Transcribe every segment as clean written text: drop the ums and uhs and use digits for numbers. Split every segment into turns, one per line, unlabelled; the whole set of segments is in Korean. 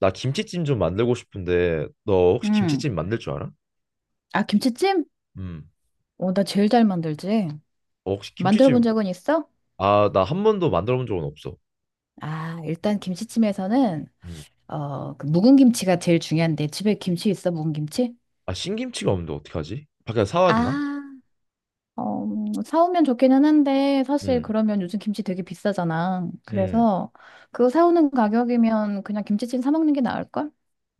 나 김치찜 좀 만들고 싶은데 너 혹시
음.
김치찜 만들 줄 알아?
아, 김치찜?
음.
나 제일 잘 만들지.
어, 혹시
만들어 본
김치찜
적은 있어?
아, 나 한 번도 만들어 본 적은 없어.
아, 일단 김치찜에서는,
음.
묵은 김치가 제일 중요한데, 집에 김치 있어, 묵은 김치?
아, 신김치가 없는데 어떡하지? 밖에서 사와야 되나?
아, 사오면 좋기는 한데, 사실
음.
그러면 요즘 김치 되게 비싸잖아.
음.
그래서 그거 사오는 가격이면 그냥 김치찜 사 먹는 게 나을걸?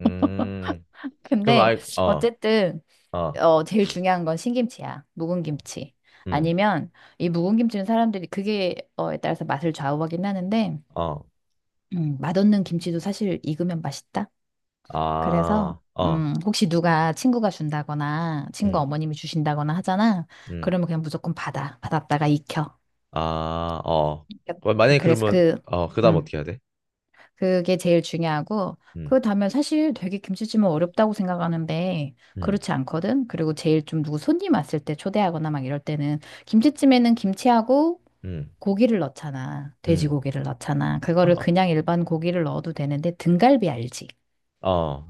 음. 그럼
근데
아이 어.
어쨌든,
어.
제일 중요한 건 신김치야. 묵은 김치.
음.
아니면 이 묵은 김치는 사람들이 그게 어에 따라서 맛을 좌우하긴 하는데,
어.
맛없는 김치도 사실 익으면 맛있다. 그래서
아. 어.
혹시 누가 친구가 준다거나 친구
음.
어머님이 주신다거나 하잖아.
음.
그러면 그냥 무조건 받아. 받았다가 익혀.
아, 어.
익혔-
그럼 만약에
그래서
그러면
그
그다음
음,
어떻게 해야 돼?
그게 제일 중요하고
음.
그 다음에 사실 되게 김치찜은 어렵다고 생각하는데
음.
그렇지 않거든. 그리고 제일 좀 누구 손님 왔을 때 초대하거나 막 이럴 때는 김치찜에는 김치하고
음.
고기를 넣잖아.
음.
돼지고기를 넣잖아. 그거를
어.
그냥 일반 고기를 넣어도 되는데 등갈비 알지?
어.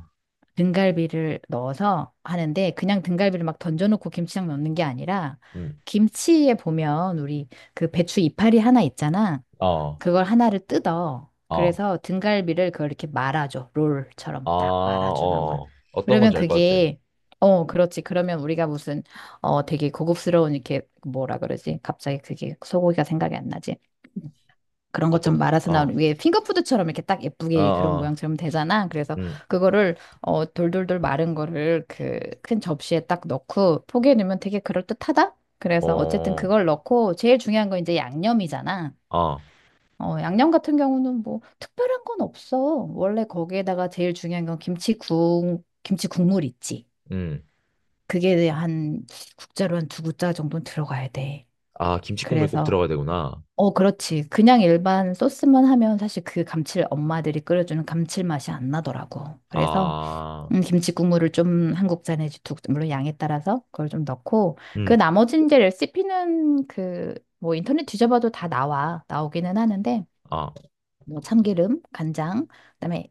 등갈비를 넣어서 하는데 그냥 등갈비를 막 던져놓고 김치장 넣는 게 아니라
음.
김치에 보면 우리 배추 이파리 하나 있잖아.
어.
그걸 하나를 뜯어.
어.
그래서 등갈비를 그걸 이렇게 말아줘. 롤처럼
아,
딱 말아주는 거야.
어. 어떤
그러면
건지 알 것 같아.
그게 그렇지. 그러면 우리가 무슨 되게 고급스러운 이렇게 뭐라 그러지? 갑자기 그게 소고기가 생각이 안 나지. 그런 것
어떤?
좀 말아서
어,
나온 위에 핑거푸드처럼 이렇게 딱
어,
예쁘게 그런
어,
모양처럼 되잖아. 그래서
음,
그거를 돌돌돌 마른 거를 그 큰 접시에 딱 넣고 포기해 놓으면 되게 그럴듯하다. 그래서 어쨌든
어,
그걸 넣고 제일 중요한 건 이제 양념이잖아.
아,
양념 같은 경우는 뭐 특별한 건 없어. 원래 거기에다가 제일 중요한 건 김치 국물 있지.
음,
그게 한 국자로 한 두 국자 정도는 들어가야 돼.
아, 김치국물 꼭
그래서
들어가야 되구나.
어, 그렇지. 그냥 일반 소스만 하면 사실 그 감칠 엄마들이 끓여주는 감칠맛이 안 나더라고. 그래서
아,
김치 국물을 좀 한국자 에지 두, 물론 양에 따라서 그걸 좀 넣고 그
음,
나머지 이제 레시피는 그 뭐 인터넷 뒤져봐도 다 나와. 나오기는 하는데
아,
뭐 참기름, 간장, 그다음에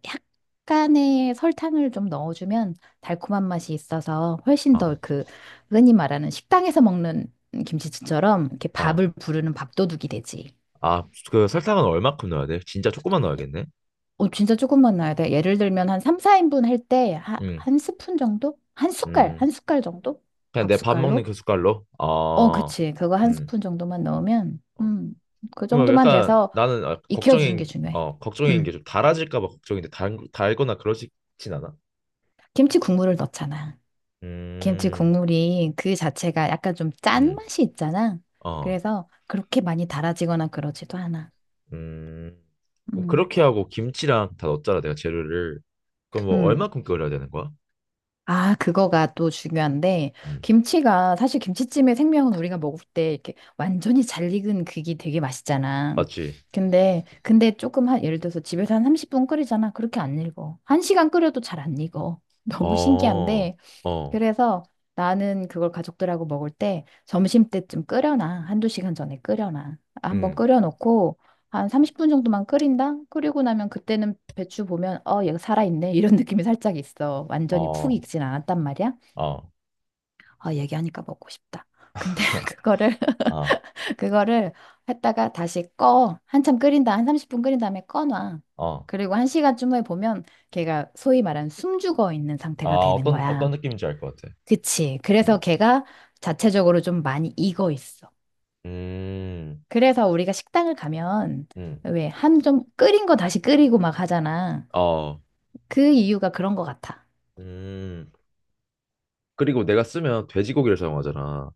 약간의 설탕을 좀 넣어주면 달콤한 맛이 있어서 훨씬
아,
더 그 흔히 말하는 식당에서 먹는 김치찌처럼 이렇게
아,
밥을 부르는 밥도둑이 되지.
아, 그 설탕은 얼마큼 넣어야 돼? 진짜 조금만 넣어야겠네.
어, 진짜 조금만 넣어야 돼. 예를 들면 한 3, 4인분 할 때
음,
한 스푼 정도? 한 숟갈,
음,
한 숟갈 정도?
그냥
밥
내 밥 먹는
숟갈로?
그 숟갈로.
어,
아,
그치. 그거 한
음,
스푼 정도만 넣으면,
어.
그
그러면
정도만
약간
돼서
나는 아,
익혀주는 게
걱정인,
중요해.
어, 걱정인 게
음,
좀 달아질까 봐 걱정인데 달거나 그러진 않아?
김치 국물을 넣잖아. 김치
음,
국물이 그 자체가 약간 좀
음,
짠맛이 있잖아.
어,
그래서 그렇게 많이 달아지거나 그러지도 않아.
음. 그럼
음,
그렇게 하고 김치랑 다 넣었잖아, 내가 재료를. 그럼 뭐
음,
얼마큼 끓여야 되는 거야?
아, 그거가 또 중요한데,
음.
김치가, 사실 김치찜의 생명은 우리가 먹을 때 이렇게 완전히 잘 익은 그게 되게 맛있잖아.
맞지?
근데 조금 한, 예를 들어서 집에서 한 30분 끓이잖아. 그렇게 안 익어. 한시간 끓여도 잘 안 익어. 너무
어,
신기한데,
어,
그래서 나는 그걸 가족들하고 먹을 때 점심 때쯤 끓여놔. 한두 시간 전에 끓여놔. 한번
음,
끓여놓고 한 30분 정도만 끓인다? 끓이고 나면 그때는 배추 보면 어, 얘가 살아있네. 이런 느낌이 살짝 있어. 완전히 푹
어,
익진 않았단 말이야.
어,
아, 얘기하니까 먹고 싶다. 근데 그거를,
아,
그거를 했다가 다시 꺼. 한참 끓인다. 한 30분 끓인 다음에 꺼놔.
어,
그리고 한 시간쯤 후에 보면 걔가 소위 말하는 숨죽어 있는
아,
상태가 되는
어떤
거야.
느낌인지 알 것 같아.
그치. 그래서
음,
걔가 자체적으로 좀 많이 익어 있어.
음,
그래서 우리가 식당을 가면
음,
왜 한 좀 끓인 거 다시 끓이고 막 하잖아.
어,
그 이유가 그런 것 같아.
음. 그리고 내가 쓰면 돼지고기를 사용하잖아.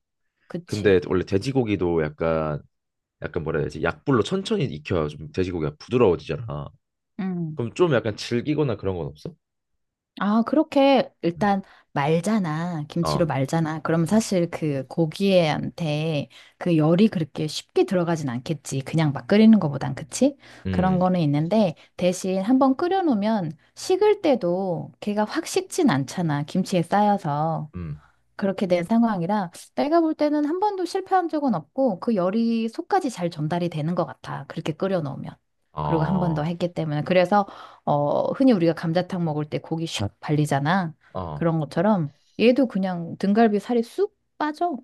그치.
근데 원래 돼지고기도 약간 약간 뭐라 해야 되지? 약불로 천천히 익혀야 좀 돼지고기가 부드러워지잖아.
음.
그럼 좀 약간 질기거나 그런 건 없어?
아, 그렇게
음.
일단 말잖아. 김치로
어.
말잖아. 그럼 사실 그 고기한테 그 열이 그렇게 쉽게 들어가진 않겠지. 그냥 막 끓이는 거보단. 그치? 그런
음,
거는 있는데 대신 한번 끓여놓으면 식을 때도 걔가 확 식진 않잖아. 김치에 쌓여서.
음.
그렇게 된 상황이라 내가 볼 때는 한 번도 실패한 적은 없고 그 열이 속까지 잘 전달이 되는 것 같아. 그렇게 끓여 놓으면. 그리고 한 번 더
아,
했기 때문에. 그래서 흔히 우리가 감자탕 먹을 때 고기 슉 발리잖아.
아,
그런 것처럼 얘도 그냥 등갈비 살이 쑥 빠져.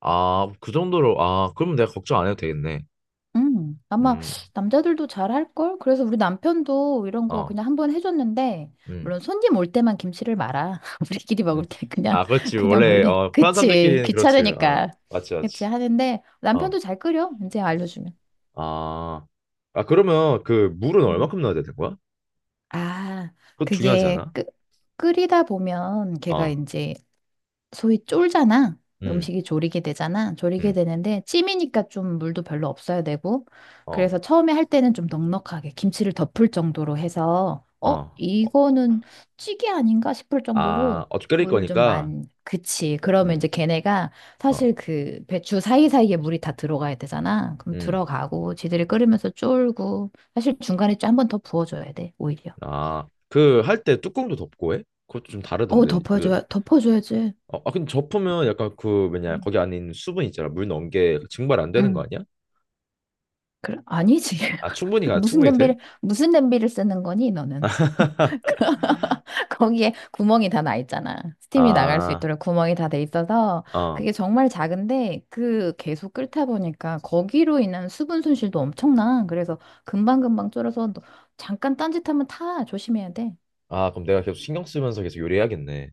아, 그 정도로, 아, 그럼 내가 걱정 안 해도 되겠네.
아마
음,
남자들도 잘 할걸? 그래서 우리 남편도 이런 거
어,
그냥 한번 해줬는데,
음,
물론 손님 올 때만 김치를 말아. 우리끼리 먹을
음.
때 그냥,
아, 그렇지.
그냥
원래,
몰래.
어, 편한
그치,
사람들끼리는 그렇지. 아,
귀찮으니까.
맞지, 맞지.
그치, 하는데,
어,
남편도 잘 끓여, 이제 알려주면.
아, 아, 그러면 그 물은
음.
얼마큼 넣어야 되는 거야?
아,
그거 중요하지
그게
않아?
끓, 끓이다 보면 걔가
어,
이제 소위 쫄잖아.
음,
음식이 졸이게 되잖아. 졸이게
음,
되는데 찜이니까 좀 물도 별로 없어야 되고.
어,
그래서 처음에 할 때는 좀 넉넉하게 김치를 덮을 정도로 해서 어,
어, 어.
이거는 찌개 아닌가 싶을
아,
정도로
어 끓일
물을 좀
거니까,
많이 그치. 그러면
음,
이제 걔네가 사실
어,
그 배추 사이사이에 물이 다 들어가야 되잖아. 그럼
음,
들어가고 지들이 끓으면서 쫄고 사실 중간에 한 번 더 부어줘야 돼, 오히려.
아, 그 할 때 뚜껑도 덮고 해? 그것도 좀 다르던데.
덮어줘야지.
어, 아, 근데 접으면 약간 그 뭐냐
음.
거기 안에 있는 수분 있잖아 물 넣은 게 증발 안 되는 거
응.
아니야?
그래, 아니지.
아 충분히 가 충분히 돼?
무슨 냄비를 쓰는 거니 너는? 그- 거기에 구멍이 다 나 있잖아. 스팀이 나갈 수
아,
있도록 구멍이 다 돼 있어서
어.
그게 정말 작은데 그 계속 끓다 보니까 거기로 인한 수분 손실도 엄청나. 그래서 금방금방 졸아서 너- 잠깐 딴짓하면 타. 조심해야 돼.
아 그럼 내가 계속 신경 쓰면서 계속 요리해야겠네.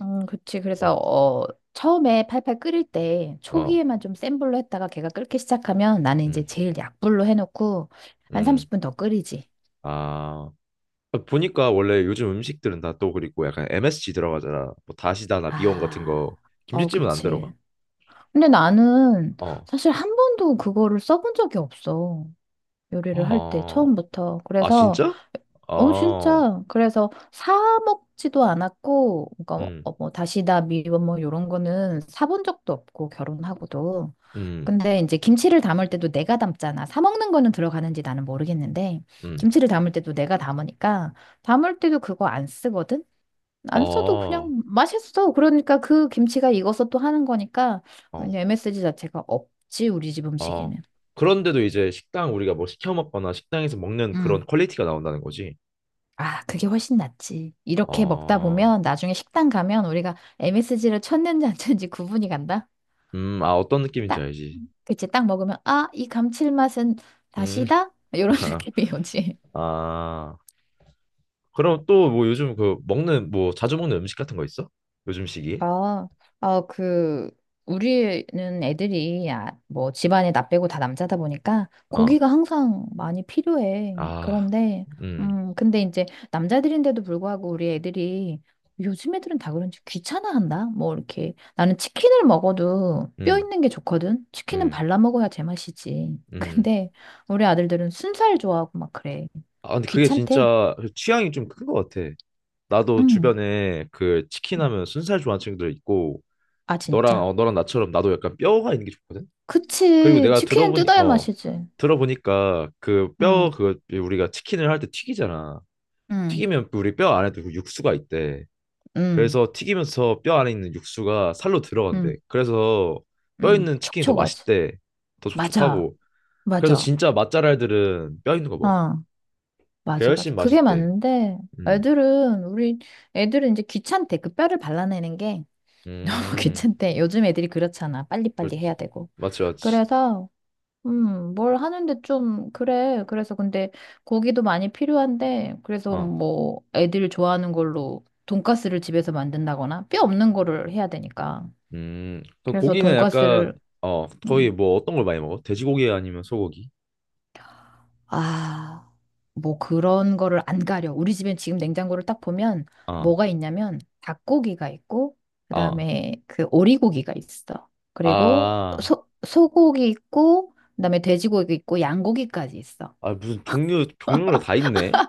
그치. 그래서
어,
처음에 팔팔 끓일 때
어,
초기에만 좀 센 불로 했다가 걔가 끓기 시작하면 나는 이제
음,
제일 약불로 해놓고 한
음.
30분 더 끓이지.
아 아, 보니까 원래 요즘 음식들은 다 또 그리고 약간 MSG 들어가잖아. 뭐 다시다나 미원 같은 거
아, 어,
김치찜은 안 들어가?
그치. 근데 나는
어,
사실 한 번도 그거를 써본 적이 없어. 요리를 할 때,
어,
처음부터.
아
그래서,
진짜?
어,
아,
진짜. 그래서 사 먹지도 않았고, 그러니까 뭐,
음,
어, 뭐 다시다, 미원 뭐, 요런 거는 사본 적도 없고, 결혼하고도.
음,
근데 이제 김치를 담을 때도 내가 담잖아. 사 먹는 거는 들어가는지 나는 모르겠는데,
음.
김치를 담을 때도 내가 담으니까, 담을 때도 그거 안 쓰거든? 안 써도
아,
그냥 맛있어. 그러니까 그 김치가 익어서 또 하는 거니까 그냥
어.
MSG 자체가 없지, 우리 집
아,
음식에는.
그런데도 이제 식당 우리가 뭐 시켜 먹거나 식당에서 먹는 그런
음.
퀄리티가 나온다는 거지.
아, 그게 훨씬 낫지. 이렇게 먹다
아,
보면 나중에 식당 가면 우리가 MSG를 쳤는지 안 쳤는지 구분이 간다.
아, 어떤 느낌인지
딱,
알지.
그치, 딱 먹으면 아, 이 감칠맛은
음,
다시다? 이런 느낌이 오지.
아, 그럼 또 뭐 요즘 그 먹는 뭐 자주 먹는 음식 같은 거 있어? 요즘 시기에?
아, 아, 그, 우리는 애들이, 집안에 나 빼고 다 남자다 보니까
어,
고기가 항상 많이 필요해.
아,
그런데,
음,
근데 이제 남자들인데도 불구하고 우리 애들이 요즘 애들은 다 그런지 귀찮아한다? 뭐, 이렇게. 나는 치킨을 먹어도 뼈
음,
있는 게 좋거든? 치킨은
음,
발라 먹어야 제맛이지.
음.
근데 우리 아들들은 순살 좋아하고 막 그래.
아, 근데 그게
귀찮대.
진짜 취향이 좀 큰 것 같아. 나도
음.
주변에 그 치킨 하면 순살 좋아하는 친구들 있고,
아,
너랑,
진짜?
어, 너랑 나처럼 나도 약간 뼈가 있는 게 좋거든? 그리고
그치.
내가
치킨은
들어보니
뜯어야 맛이지.
들어보니까 그
음.
뼈 그 우리가 치킨을 할 때 튀기잖아.
응,
튀기면 우리 뼈 안에 도 육수가 있대.
응,
그래서 튀기면서 뼈 안에 있는 육수가 살로 들어간대.
응,
그래서 뼈
응.
있는 치킨이 더
촉촉하지.
맛있대. 더
맞아,
촉촉하고. 그래서
맞아.
진짜 맛잘알들은 뼈 있는 거 먹어.
어,
그게
맞아, 맞아.
훨씬
그게
맛있대.
맞는데,
음.
우리 애들은 이제 귀찮대. 그 뼈를 발라내는 게
음.
귀찮대. 요즘 애들이 그렇잖아. 빨리빨리
그렇지.
해야 되고.
맞지 맞지.
그래서, 뭘 하는데 좀, 그래. 그래서 근데 고기도 많이 필요한데, 그래서
어.
뭐, 애들 좋아하는 걸로 돈가스를 집에서 만든다거나, 뼈 없는 거를 해야 되니까.
음. 그
그래서
고기는 약간
돈가스를,
거의
음,
뭐 어떤 걸 많이 먹어? 돼지고기 아니면 소고기?
아, 뭐 그런 거를 안 가려. 우리 집엔 지금 냉장고를 딱 보면
아.
뭐가 있냐면 닭고기가 있고,
아.
그다음에 그 오리고기가 있어. 그리고
아,
소, 소고기 있고, 그다음에 돼지고기 있고, 양고기까지 있어.
아 무슨 종류별로 다 있네.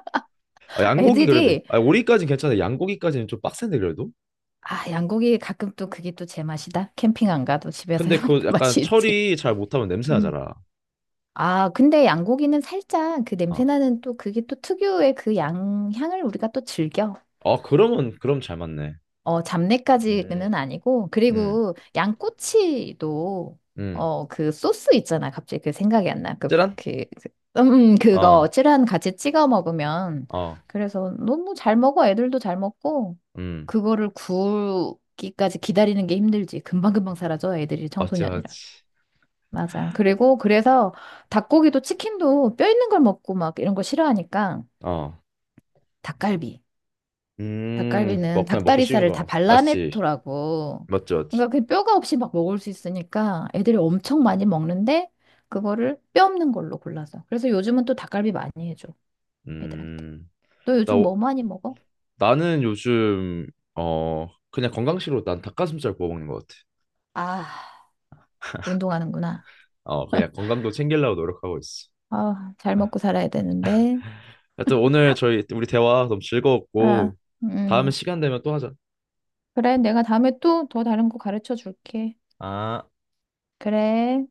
아, 양고기 그래도
애들이,
아 오리까진 괜찮아. 양고기까지는 좀 빡센데 그래도.
아, 양고기 가끔 또 그게 또 제 맛이다. 캠핑 안 가도 집에서
근데
해먹는
그 약간
맛이 있지.
처리 잘 못하면 냄새
음.
나잖아.
아, 근데 양고기는 살짝 그 냄새
아,
나는 또 그게 또 특유의 그 양, 향을 우리가 또 즐겨.
어 그러면 그럼 잘 맞네.
어,
음,
잡내까지는 아니고,
음,
그리고 양꼬치도,
음,
소스 있잖아. 갑자기 그 생각이 안 나.
찌란?
그, 그,
어,
그거 찌란 같이 찍어 먹으면.
어,
그래서 너무 잘 먹어. 애들도 잘 먹고,
음,
그거를 구우기까지 기다리는 게 힘들지. 금방금방 사라져. 애들이
맞지,
청소년이라서.
맞지.
맞아. 그리고 그래서 닭고기도 치킨도 뼈 있는 걸 먹고 막 이런 거 싫어하니까
어,
닭갈비. 닭갈비는
먹 그냥 먹기 쉬운
닭다리살을 다
거 맞지,
발라냈더라고.
맞지, 맞지.
그러니까 그 뼈가 없이 막 먹을 수 있으니까 애들이 엄청 많이 먹는데 그거를 뼈 없는 걸로 골라서. 그래서 요즘은 또 닭갈비 많이 해줘 애들한테.
음,
너
나
요즘 뭐
오-
많이 먹어?
나는 요즘 어 그냥 건강식으로 난 닭가슴살 구워 먹는 것 같아.
아, 운동하는구나.
어, 그냥 건강도 챙기려고 노력하고 있어.
아, 잘
아,
먹고 살아야 되는데.
하여튼 오늘 저희 우리 대화 너무
아,
즐거웠고 다음에
음.
시간 되면 또 하자.
그래, 내가 다음에 또 더 다른 거 가르쳐 줄게.
아.
그래.